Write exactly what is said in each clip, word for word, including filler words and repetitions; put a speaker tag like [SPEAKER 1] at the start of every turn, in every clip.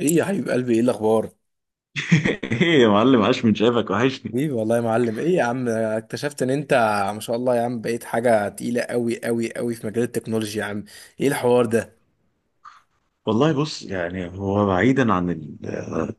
[SPEAKER 1] ايه يا حبيب قلبي؟ ايه الاخبار؟
[SPEAKER 2] ايه يا معلم، عاش من شافك، وحشني.
[SPEAKER 1] حبيبي والله يا معلم، ايه يا عم؟ اكتشفت ان انت ما شاء الله يا عم بقيت حاجه تقيله قوي قوي قوي في مجال التكنولوجيا يا عم. ايه الحوار ده؟
[SPEAKER 2] والله بص، يعني هو بعيدا عن ال-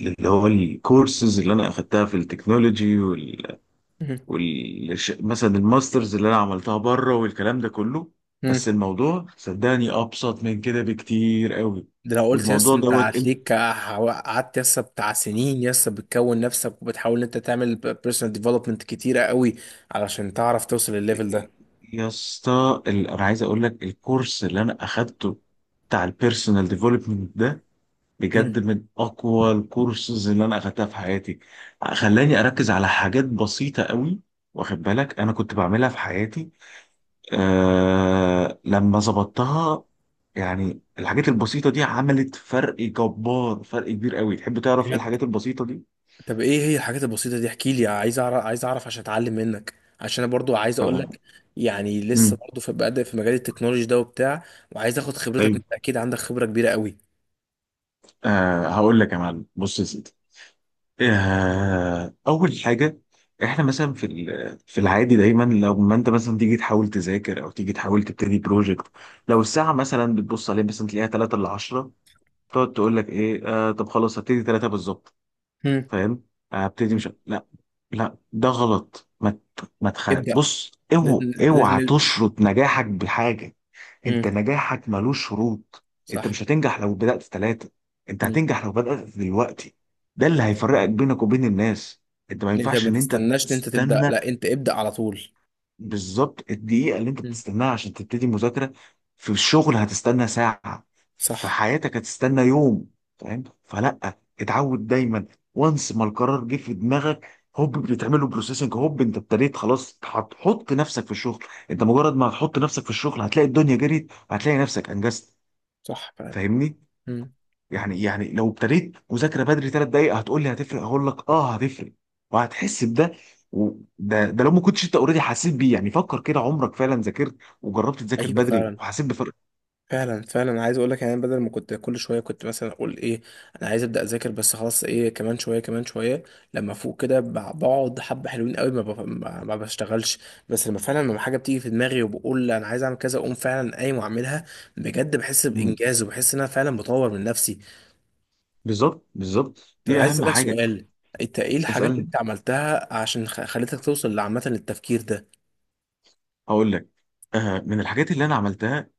[SPEAKER 2] اللي هو الكورسز اللي انا اخدتها في التكنولوجي وال,
[SPEAKER 1] مهم.
[SPEAKER 2] وال... مثلا الماسترز اللي انا عملتها بره والكلام ده كله.
[SPEAKER 1] مم.
[SPEAKER 2] بس الموضوع صدقني ابسط من كده بكتير قوي.
[SPEAKER 1] ده لو قلت يس
[SPEAKER 2] والموضوع
[SPEAKER 1] انت
[SPEAKER 2] دوت انت
[SPEAKER 1] هتليك، قعدت يس بتاع سنين يس بتكون نفسك وبتحاول ان انت تعمل بيرسونال ديفلوبمنت كتيره قوي علشان تعرف توصل للليفل ده.
[SPEAKER 2] يا اسطى، ال- انا عايز اقول لك الكورس اللي انا اخدته بتاع البيرسونال ديفلوبمنت ده، بجد
[SPEAKER 1] مم.
[SPEAKER 2] من اقوى الكورسز اللي انا اخدتها في حياتي. خلاني اركز على حاجات بسيطه قوي، واخد بالك، انا كنت بعملها في حياتي آه لما ظبطتها. يعني الحاجات البسيطه دي عملت فرق جبار، فرق كبير قوي. تحب تعرف ايه
[SPEAKER 1] بجد؟
[SPEAKER 2] الحاجات البسيطه دي؟
[SPEAKER 1] طب ايه هي الحاجات البسيطة دي؟ احكي لي، عايز اعرف، عايز اعرف عشان اتعلم منك، عشان انا برضو عايز اقول
[SPEAKER 2] آه.
[SPEAKER 1] لك، يعني لسه
[SPEAKER 2] مم.
[SPEAKER 1] برضو في بادئ في مجال التكنولوجي ده وبتاع، وعايز اخد خبرتك.
[SPEAKER 2] طيب،
[SPEAKER 1] انت اكيد عندك خبرة كبيرة قوي.
[SPEAKER 2] آه هقول لك يا معلم، بص يا سيدي، آه، أول حاجة: إحنا مثلا في ال- في العادي، دايما لو ما أنت مثلا تيجي تحاول تذاكر أو تيجي تحاول تبتدي بروجكت، لو الساعة مثلا بتبص عليها مثلا تلاقيها تلاته ل عشرة، تقعد تقول لك إيه، آه طب خلاص هبتدي تلاته بالظبط.
[SPEAKER 1] مم.
[SPEAKER 2] فاهم؟ هبتدي،
[SPEAKER 1] مم.
[SPEAKER 2] مش، لا لا، ده غلط. ما ت- ما تخ...
[SPEAKER 1] ابدأ.
[SPEAKER 2] بص، اوعى
[SPEAKER 1] لازم،
[SPEAKER 2] اوعى
[SPEAKER 1] لازم.
[SPEAKER 2] تشرط نجاحك بحاجة. انت
[SPEAKER 1] مم.
[SPEAKER 2] نجاحك ملوش شروط. انت
[SPEAKER 1] صح.
[SPEAKER 2] مش هتنجح لو بدأت في ثلاثة، انت
[SPEAKER 1] مم.
[SPEAKER 2] هتنجح لو بدأت دلوقتي. ده اللي
[SPEAKER 1] أيوة
[SPEAKER 2] هيفرقك
[SPEAKER 1] فعلا.
[SPEAKER 2] بينك وبين الناس. انت ما
[SPEAKER 1] إن انت
[SPEAKER 2] ينفعش
[SPEAKER 1] ما
[SPEAKER 2] ان انت
[SPEAKER 1] تستناش ان انت تبدأ،
[SPEAKER 2] تستنى.
[SPEAKER 1] لا انت ابدأ على طول.
[SPEAKER 2] بالظبط الدقيقة اللي انت
[SPEAKER 1] مم.
[SPEAKER 2] بتستناها عشان تبتدي مذاكرة، في الشغل هتستنى ساعة، في
[SPEAKER 1] صح.
[SPEAKER 2] حياتك هتستنى يوم. فاهم؟ فلا، اتعود دايما، وانس ما القرار جه في دماغك، هوب بتعمله بروسيسنج، هوب انت ابتديت، خلاص هتحط نفسك في الشغل. انت مجرد ما هتحط نفسك في الشغل هتلاقي الدنيا جريت، وهتلاقي نفسك انجزت.
[SPEAKER 1] صح فعلا.
[SPEAKER 2] فاهمني؟
[SPEAKER 1] مم.
[SPEAKER 2] يعني يعني لو ابتديت مذاكره بدري ثلاث دقائق، هتقول لي هتفرق؟ هقول لك اه هتفرق، وهتحس بده. وده ده ده لو ما كنتش انت اوريدي حسيت بيه، يعني فكر كده، عمرك فعلا ذاكرت وجربت تذاكر
[SPEAKER 1] ايوه
[SPEAKER 2] بدري
[SPEAKER 1] فعلا،
[SPEAKER 2] وحسيت بفرق؟
[SPEAKER 1] فعلا فعلا. أنا عايز اقول لك، يعني بدل ما كنت كل شويه كنت مثلا اقول ايه، انا عايز ابدا اذاكر، بس خلاص ايه، كمان شويه، كمان شويه. لما فوق كده بع- بقعد حبه حلوين قوي ما, بف- ما ما بشتغلش. بس لما فعلا لما حاجه بتيجي في دماغي وبقول انا عايز اعمل كذا، اقوم فعلا قايم واعملها. بجد بحس
[SPEAKER 2] مم.
[SPEAKER 1] بانجاز، وبحس ان انا فعلا بطور من نفسي.
[SPEAKER 2] بالظبط بالظبط،
[SPEAKER 1] طب
[SPEAKER 2] دي
[SPEAKER 1] عايز
[SPEAKER 2] اهم
[SPEAKER 1] اسالك
[SPEAKER 2] حاجه.
[SPEAKER 1] سؤال: انت ايه الحاجات اللي
[SPEAKER 2] اسالني
[SPEAKER 1] انت عملتها عشان خ- خلتك توصل لعامه للتفكير ده؟
[SPEAKER 2] هقول لك. آه، من الحاجات اللي انا عملتها،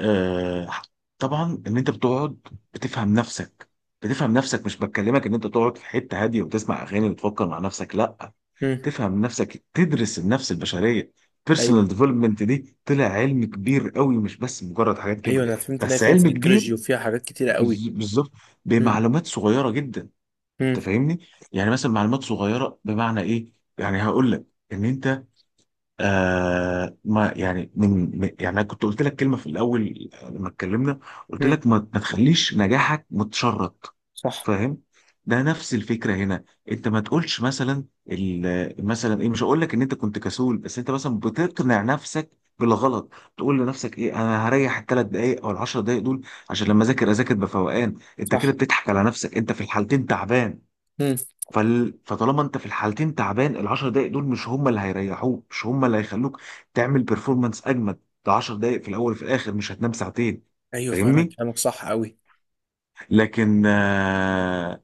[SPEAKER 2] آه، طبعا ان انت بتقعد بتفهم نفسك. بتفهم نفسك، مش بكلمك ان انت تقعد في حته هاديه وتسمع اغاني وتفكر مع نفسك، لا.
[SPEAKER 1] امم.
[SPEAKER 2] تفهم نفسك، تدرس النفس البشريه.
[SPEAKER 1] ايوه،
[SPEAKER 2] بيرسونال ديفلوبمنت دي طلع علم كبير قوي، مش بس مجرد حاجات
[SPEAKER 1] ايوه
[SPEAKER 2] كده.
[SPEAKER 1] انا فهمت ان هي
[SPEAKER 2] بس
[SPEAKER 1] فيها
[SPEAKER 2] علم كبير،
[SPEAKER 1] سيكولوجي وفيها حاجات كتيره قوي.
[SPEAKER 2] بز- بالظبط،
[SPEAKER 1] امم.
[SPEAKER 2] بمعلومات صغيره جدا. انت فاهمني؟ يعني مثلا معلومات صغيره بمعنى ايه يعني؟ هقول لك. ان انت، آه ما يعني من من- يعني انا كنت قلت لك كلمه في الاول لما اتكلمنا، قلت
[SPEAKER 1] امم.
[SPEAKER 2] لك ما, ما تخليش نجاحك متشرط.
[SPEAKER 1] صح.
[SPEAKER 2] فاهم؟ ده نفس الفكره هنا. انت ما تقولش مثلا، ال- مثلا ايه، مش هقول لك ان انت كنت كسول، بس انت مثلا بتقنع نفسك بالغلط. تقول لنفسك ايه، انا هريح الثلاث دقائق او العشر دقائق دول عشان لما اذاكر اذاكر بفوقان. انت كده
[SPEAKER 1] صح.
[SPEAKER 2] بتضحك على نفسك، انت في الحالتين تعبان.
[SPEAKER 1] امم.
[SPEAKER 2] فال... فطالما انت في الحالتين تعبان، العشر دقايق دول مش هم اللي هيريحوك، مش هم اللي هيخلوك تعمل بيرفورمانس اجمد. ده عشر دقايق في الاول وفي الاخر، مش هتنام ساعتين.
[SPEAKER 1] ايوه فعلا،
[SPEAKER 2] فاهمني؟
[SPEAKER 1] كلامك صح قوي.
[SPEAKER 2] لكن آه...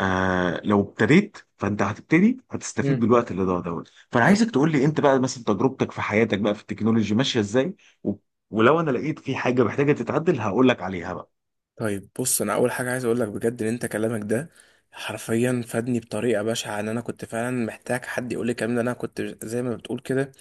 [SPEAKER 2] آه... لو ابتديت فانت هتبتدي هتستفيد
[SPEAKER 1] امم.
[SPEAKER 2] بالوقت اللي ضاع دوت. فانا
[SPEAKER 1] أي-
[SPEAKER 2] عايزك تقول لي انت بقى مثلا تجربتك في حياتك بقى في التكنولوجي ماشيه ازاي، و... ولو انا لقيت في حاجه محتاجه تتعدل هقول لك عليها بقى.
[SPEAKER 1] طيب بص، انا اول حاجه عايز اقول لك بجد ان انت كلامك ده حرفيا فادني بطريقه بشعه. ان انا كنت فعلا محتاج حد يقول لي الكلام ده. انا كنت زي ما بتقول كده،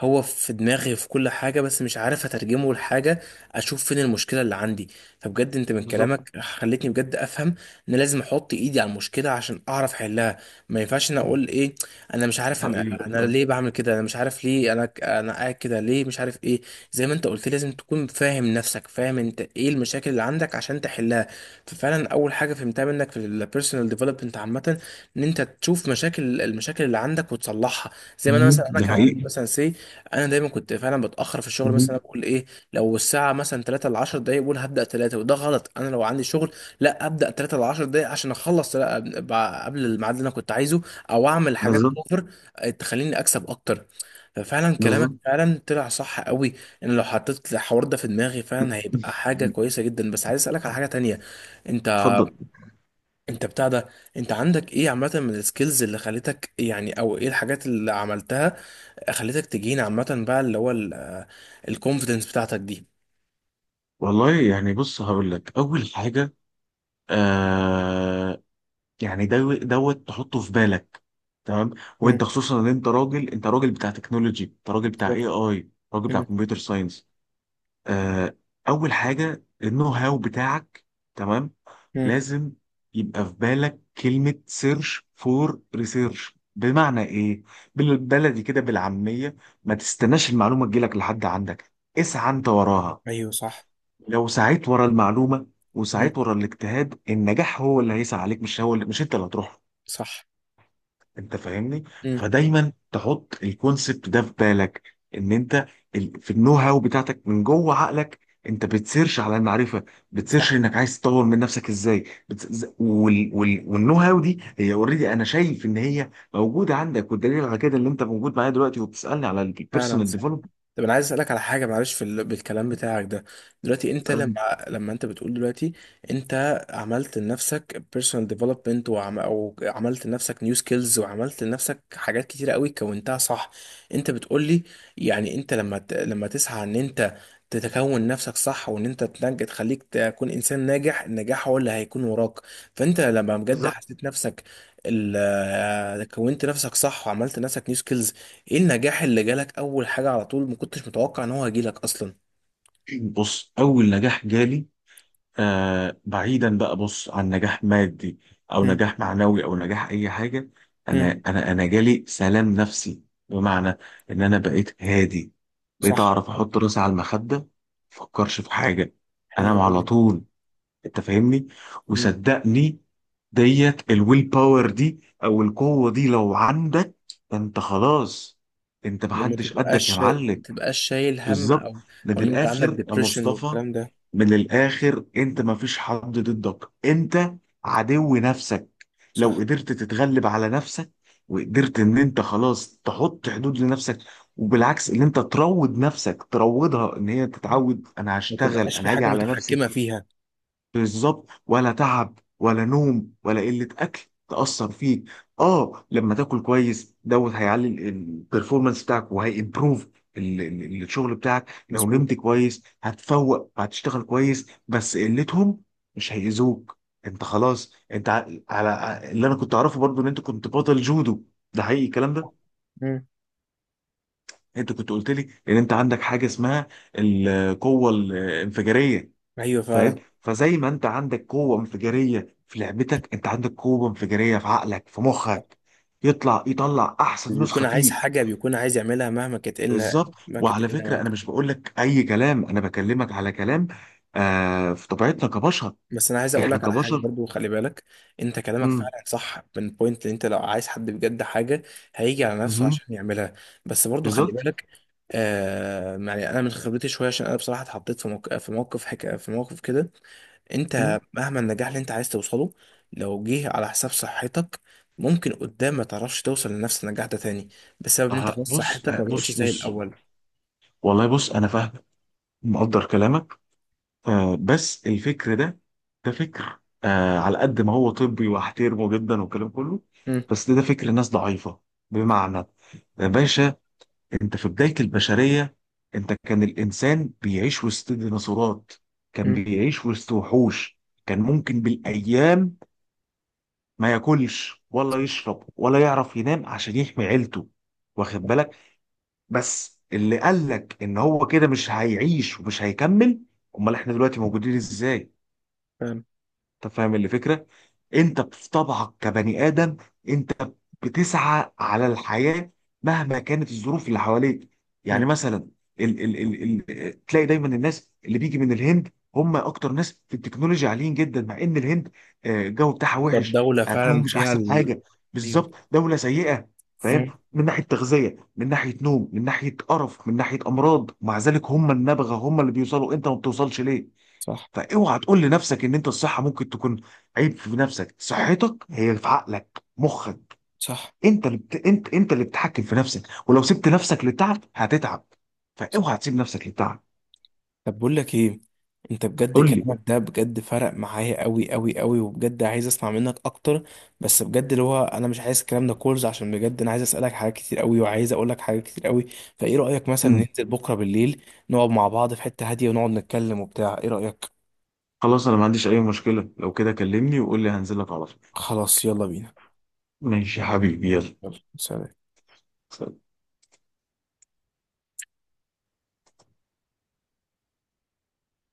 [SPEAKER 1] هو في دماغي في كل حاجة، بس مش عارف أترجمه لحاجة، أشوف فين المشكلة اللي عندي. فبجد أنت من
[SPEAKER 2] بالظبط.
[SPEAKER 1] كلامك خلتني بجد أفهم إن لازم أحط إيدي على المشكلة عشان أعرف أحلها. ما ينفعش أنا أقول إيه، أنا مش عارف أنا
[SPEAKER 2] حقيقي
[SPEAKER 1] أنا
[SPEAKER 2] والله.
[SPEAKER 1] ليه بعمل كده، أنا مش عارف ليه أنا أنا قاعد كده ليه، مش عارف إيه. زي ما أنت قلت لي، لازم تكون فاهم نفسك، فاهم أنت إيه المشاكل اللي عندك عشان تحلها. ففعلا أول حاجة فهمتها منك في البيرسونال ديفلوبمنت عامة، ان انت تشوف مشاكل المشاكل اللي عندك وتصلحها. زي ما انا
[SPEAKER 2] مم.
[SPEAKER 1] مثلا، انا
[SPEAKER 2] ده
[SPEAKER 1] كان عندي
[SPEAKER 2] حقيقي.
[SPEAKER 1] مثلا سي. انا دايما كنت فعلا بتاخر في الشغل،
[SPEAKER 2] مم.
[SPEAKER 1] مثلا بقول ايه، لو الساعه مثلا تلاتة ل عشرة دقايق بقول هبدا تلاتة، وده غلط. انا لو عندي شغل، لا، ابدا تلاتة ل عشرة دقايق عشان اخلص، لا أب- قبل الميعاد اللي انا كنت عايزه، او اعمل حاجات
[SPEAKER 2] بالظبط
[SPEAKER 1] اوفر، آه، تخليني اكسب اكتر. ففعلا كلامك
[SPEAKER 2] بالظبط.
[SPEAKER 1] فعلا طلع صح قوي. ان لو حطيت الحوار ده في دماغي فعلا هيبقى حاجه كويسه جدا. بس عايز اسالك على حاجه تانية: انت
[SPEAKER 2] اتفضل.
[SPEAKER 1] انت بتاع ده، انت عندك ايه عامه من السكيلز اللي خلتك يعني، او ايه الحاجات اللي عملتها خلتك تجين عامة بقى اللي هو الكونفيدنس بتاعتك دي؟
[SPEAKER 2] والله يعني بص هقول لك اول حاجه. آه، يعني دو- دوت تحطه في بالك. تمام؟
[SPEAKER 1] مم.
[SPEAKER 2] وانت خصوصا ان انت راجل، انت راجل بتاع تكنولوجي، انت راجل بتاع اي
[SPEAKER 1] بالظبط.
[SPEAKER 2] اي، راجل بتاع
[SPEAKER 1] مم.
[SPEAKER 2] كمبيوتر ساينس. آه، اول حاجه النو هاو بتاعك. تمام؟
[SPEAKER 1] مم.
[SPEAKER 2] لازم يبقى في بالك كلمه سيرش فور ريسيرش. بمعنى ايه؟ بالبلدي كده، بالعاميه، ما تستناش المعلومه تجيلك لحد عندك، اسعى انت وراها.
[SPEAKER 1] ايوه، صح.
[SPEAKER 2] لو سعيت ورا المعلومه
[SPEAKER 1] مم.
[SPEAKER 2] وسعيت ورا الاجتهاد، النجاح هو اللي هيسعى عليك، مش هو اللي مش انت اللي هتروح له.
[SPEAKER 1] صح.
[SPEAKER 2] انت فاهمني؟
[SPEAKER 1] مم.
[SPEAKER 2] فدايما تحط الكونسبت ده في بالك، ان انت، ال- في النو هاو بتاعتك من جوه عقلك، انت بتسيرش على المعرفه، بتسيرش
[SPEAKER 1] صح
[SPEAKER 2] انك عايز تطور من نفسك ازاي. بت... ز- وال... وال... والنو هاو دي هي اوريدي انا شايف ان هي موجوده عندك، والدليل على كده اللي انت موجود معايا دلوقتي وبتسالني على
[SPEAKER 1] فعلا،
[SPEAKER 2] البيرسونال
[SPEAKER 1] صح.
[SPEAKER 2] ديفلوبمنت.
[SPEAKER 1] طب انا عايز اسالك على حاجه، معلش، في ال... بالكلام بتاعك ده دلوقتي، انت
[SPEAKER 2] بتسالني،
[SPEAKER 1] لما لما انت بتقول دلوقتي انت عملت لنفسك personal development، وعم... او عملت لنفسك new skills وعملت لنفسك حاجات كتيره قوي كونتها صح، انت بتقول لي يعني انت لما ت... لما تسعى ان انت تتكون نفسك صح، وان انت تنج... تخليك تكون انسان ناجح، النجاح هو اللي هيكون وراك. فانت لما بجد
[SPEAKER 2] بالظبط.
[SPEAKER 1] حسيت نفسك ال... كونت نفسك صح وعملت لنفسك new skills، ايه النجاح اللي جالك اول حاجة على طول ما كنتش متوقع ان هو هيجيلك اصلا؟
[SPEAKER 2] بص، اول نجاح جالي، آه بعيدا بقى، بص، عن نجاح مادي او
[SPEAKER 1] مم.
[SPEAKER 2] نجاح معنوي او نجاح اي حاجه،
[SPEAKER 1] مم.
[SPEAKER 2] انا انا انا جالي سلام نفسي. بمعنى ان انا بقيت هادي، بقيت
[SPEAKER 1] صح.
[SPEAKER 2] اعرف احط راسي على المخده ما افكرش في حاجه،
[SPEAKER 1] حلو
[SPEAKER 2] انام على
[SPEAKER 1] قوي.
[SPEAKER 2] طول. انت فاهمني؟
[SPEAKER 1] مم.
[SPEAKER 2] وصدقني، ديت الويل باور دي او القوه دي لو عندك، انت خلاص، انت
[SPEAKER 1] لو ما
[SPEAKER 2] محدش قدك
[SPEAKER 1] تبقاش
[SPEAKER 2] يا
[SPEAKER 1] شا- ما
[SPEAKER 2] معلم.
[SPEAKER 1] تبقاش شايل هم،
[SPEAKER 2] بالظبط.
[SPEAKER 1] او او
[SPEAKER 2] من
[SPEAKER 1] ان انت عندك
[SPEAKER 2] الاخر يا
[SPEAKER 1] ديبريشن
[SPEAKER 2] مصطفى،
[SPEAKER 1] والكلام ده.
[SPEAKER 2] من الاخر انت ما فيش حد ضدك، انت عدو نفسك. لو
[SPEAKER 1] صح.
[SPEAKER 2] قدرت تتغلب على نفسك وقدرت ان انت خلاص تحط حدود لنفسك، وبالعكس ان انت تروض نفسك، تروضها ان هي
[SPEAKER 1] مم.
[SPEAKER 2] تتعود، انا
[SPEAKER 1] ما
[SPEAKER 2] هشتغل،
[SPEAKER 1] تبقاش في
[SPEAKER 2] انا هاجي
[SPEAKER 1] حاجة
[SPEAKER 2] على نفسي.
[SPEAKER 1] متحكمة فيها.
[SPEAKER 2] بالظبط، ولا تعب ولا نوم ولا قلة أكل تأثر فيك. اه، لما تاكل كويس دوت هيعلي البرفورمانس بتاعك وهيمبروف ال- ال- الشغل بتاعك، لو
[SPEAKER 1] مظبوط.
[SPEAKER 2] نمت كويس هتفوق وهتشتغل كويس. بس قلتهم مش هيأذوك. انت خلاص. انت ع- على اللي انا كنت اعرفه برضو، ان انت كنت بطل جودو، ده حقيقي الكلام
[SPEAKER 1] صح.
[SPEAKER 2] ده.
[SPEAKER 1] مم.
[SPEAKER 2] انت كنت قلت لي ان انت عندك حاجة اسمها القوة الانفجارية،
[SPEAKER 1] ايوه
[SPEAKER 2] فاهم؟
[SPEAKER 1] فعلا.
[SPEAKER 2] فزي ما انت عندك قوه انفجاريه في لعبتك، انت عندك قوه انفجاريه في عقلك، في مخك، يطلع يطلع
[SPEAKER 1] اللي
[SPEAKER 2] احسن
[SPEAKER 1] بيكون
[SPEAKER 2] نسخه
[SPEAKER 1] عايز
[SPEAKER 2] فيك.
[SPEAKER 1] حاجة بيكون عايز يعملها مهما كانت إيه الن-
[SPEAKER 2] بالظبط.
[SPEAKER 1] مهما كانت
[SPEAKER 2] وعلى
[SPEAKER 1] إيه
[SPEAKER 2] فكره انا
[SPEAKER 1] النواتج.
[SPEAKER 2] مش بقول لك اي كلام، انا بكلمك على كلام. آه، في طبيعتنا كبشر،
[SPEAKER 1] بس انا عايز اقول
[SPEAKER 2] احنا
[SPEAKER 1] لك على حاجه
[SPEAKER 2] كبشر.
[SPEAKER 1] برضو، خلي بالك. انت كلامك
[SPEAKER 2] امم،
[SPEAKER 1] فعلا صح من بوينت ان انت لو عايز حد بجد حاجه هيجي على نفسه
[SPEAKER 2] امم،
[SPEAKER 1] عشان يعملها. بس برضو خلي
[SPEAKER 2] بالظبط.
[SPEAKER 1] بالك. آه يعني انا من خبرتي شويه، عشان انا بصراحه اتحطيت في موقف في موقف حك... في موقف كده.
[SPEAKER 2] مم.
[SPEAKER 1] انت مهما النجاح اللي انت عايز توصله، لو جه على حساب صحتك، ممكن قدام ما تعرفش توصل لنفس النجاح ده تاني، بسبب ان انت
[SPEAKER 2] آه
[SPEAKER 1] خلاص
[SPEAKER 2] بص
[SPEAKER 1] صحتك
[SPEAKER 2] آه
[SPEAKER 1] ما بقتش
[SPEAKER 2] بص
[SPEAKER 1] زي
[SPEAKER 2] بص
[SPEAKER 1] الاول.
[SPEAKER 2] والله بص، انا فاهم، مقدر كلامك. آه بس الفكر ده، ده فكر آه على قد ما هو طبي واحترمه جدا والكلام كله،
[SPEAKER 1] امم.
[SPEAKER 2] بس ده, ده فكر ناس ضعيفة. بمعنى، يا باشا، انت في بداية البشرية، انت كان الانسان بيعيش وسط ديناصورات، كان
[SPEAKER 1] امم.
[SPEAKER 2] بيعيش وسط وحوش، كان ممكن بالايام ما ياكلش ولا يشرب ولا يعرف ينام عشان يحمي عيلته. واخد بالك؟ بس اللي قال لك ان هو كده مش هيعيش ومش هيكمل؟ امال احنا دلوقتي موجودين ازاي؟
[SPEAKER 1] فعلا.
[SPEAKER 2] انت فاهم الفكره؟ انت في طبعك كبني ادم، انت بتسعى على الحياه مهما كانت الظروف اللي حواليك.
[SPEAKER 1] امم.
[SPEAKER 2] يعني مثلا ال ال ال ال تلاقي دايما الناس اللي بيجي من الهند هم اكتر ناس في التكنولوجيا عاليين جدا، مع ان الهند آه، الجو بتاعها وحش،
[SPEAKER 1] الدوله فعلا
[SPEAKER 2] اكلهم مش
[SPEAKER 1] فيها
[SPEAKER 2] احسن
[SPEAKER 1] ال...
[SPEAKER 2] حاجه.
[SPEAKER 1] ايوه.
[SPEAKER 2] بالظبط، دوله سيئه. فاهم؟
[SPEAKER 1] امم.
[SPEAKER 2] من ناحيه تغذيه، من ناحيه نوم، من ناحيه قرف، من ناحيه امراض، مع ذلك هم النبغه، هم اللي بيوصلوا. انت ما بتوصلش ليه؟
[SPEAKER 1] صح.
[SPEAKER 2] فاوعى تقول لنفسك ان انت الصحه ممكن تكون عيب في نفسك. صحتك هي في عقلك، مخك،
[SPEAKER 1] صح.
[SPEAKER 2] انت اللي بت... انت انت اللي بتتحكم في نفسك، ولو سبت نفسك للتعب هتتعب.
[SPEAKER 1] صح.
[SPEAKER 2] فاوعى تسيب نفسك للتعب.
[SPEAKER 1] طب بقول لك ايه، انت بجد
[SPEAKER 2] قول لي.
[SPEAKER 1] كلامك ده بجد فرق معايا قوي قوي قوي، وبجد عايز اسمع منك اكتر، بس بجد اللي هو انا مش عايز الكلام ده كولز، عشان بجد انا عايز اسالك حاجات كتير قوي وعايز اقول لك حاجات كتير قوي. فايه رايك مثلا
[SPEAKER 2] مم.
[SPEAKER 1] ننزل بكره بالليل، نقعد مع بعض في حته هاديه ونقعد نتكلم وبتاع، ايه رايك؟
[SPEAKER 2] خلاص انا ما عنديش اي مشكله، لو كده كلمني وقول لي هنزل لك على طول.
[SPEAKER 1] خلاص يلا بينا.
[SPEAKER 2] ماشي يا حبيبي، يلا،
[SPEAKER 1] يلا سلام.
[SPEAKER 2] سلام.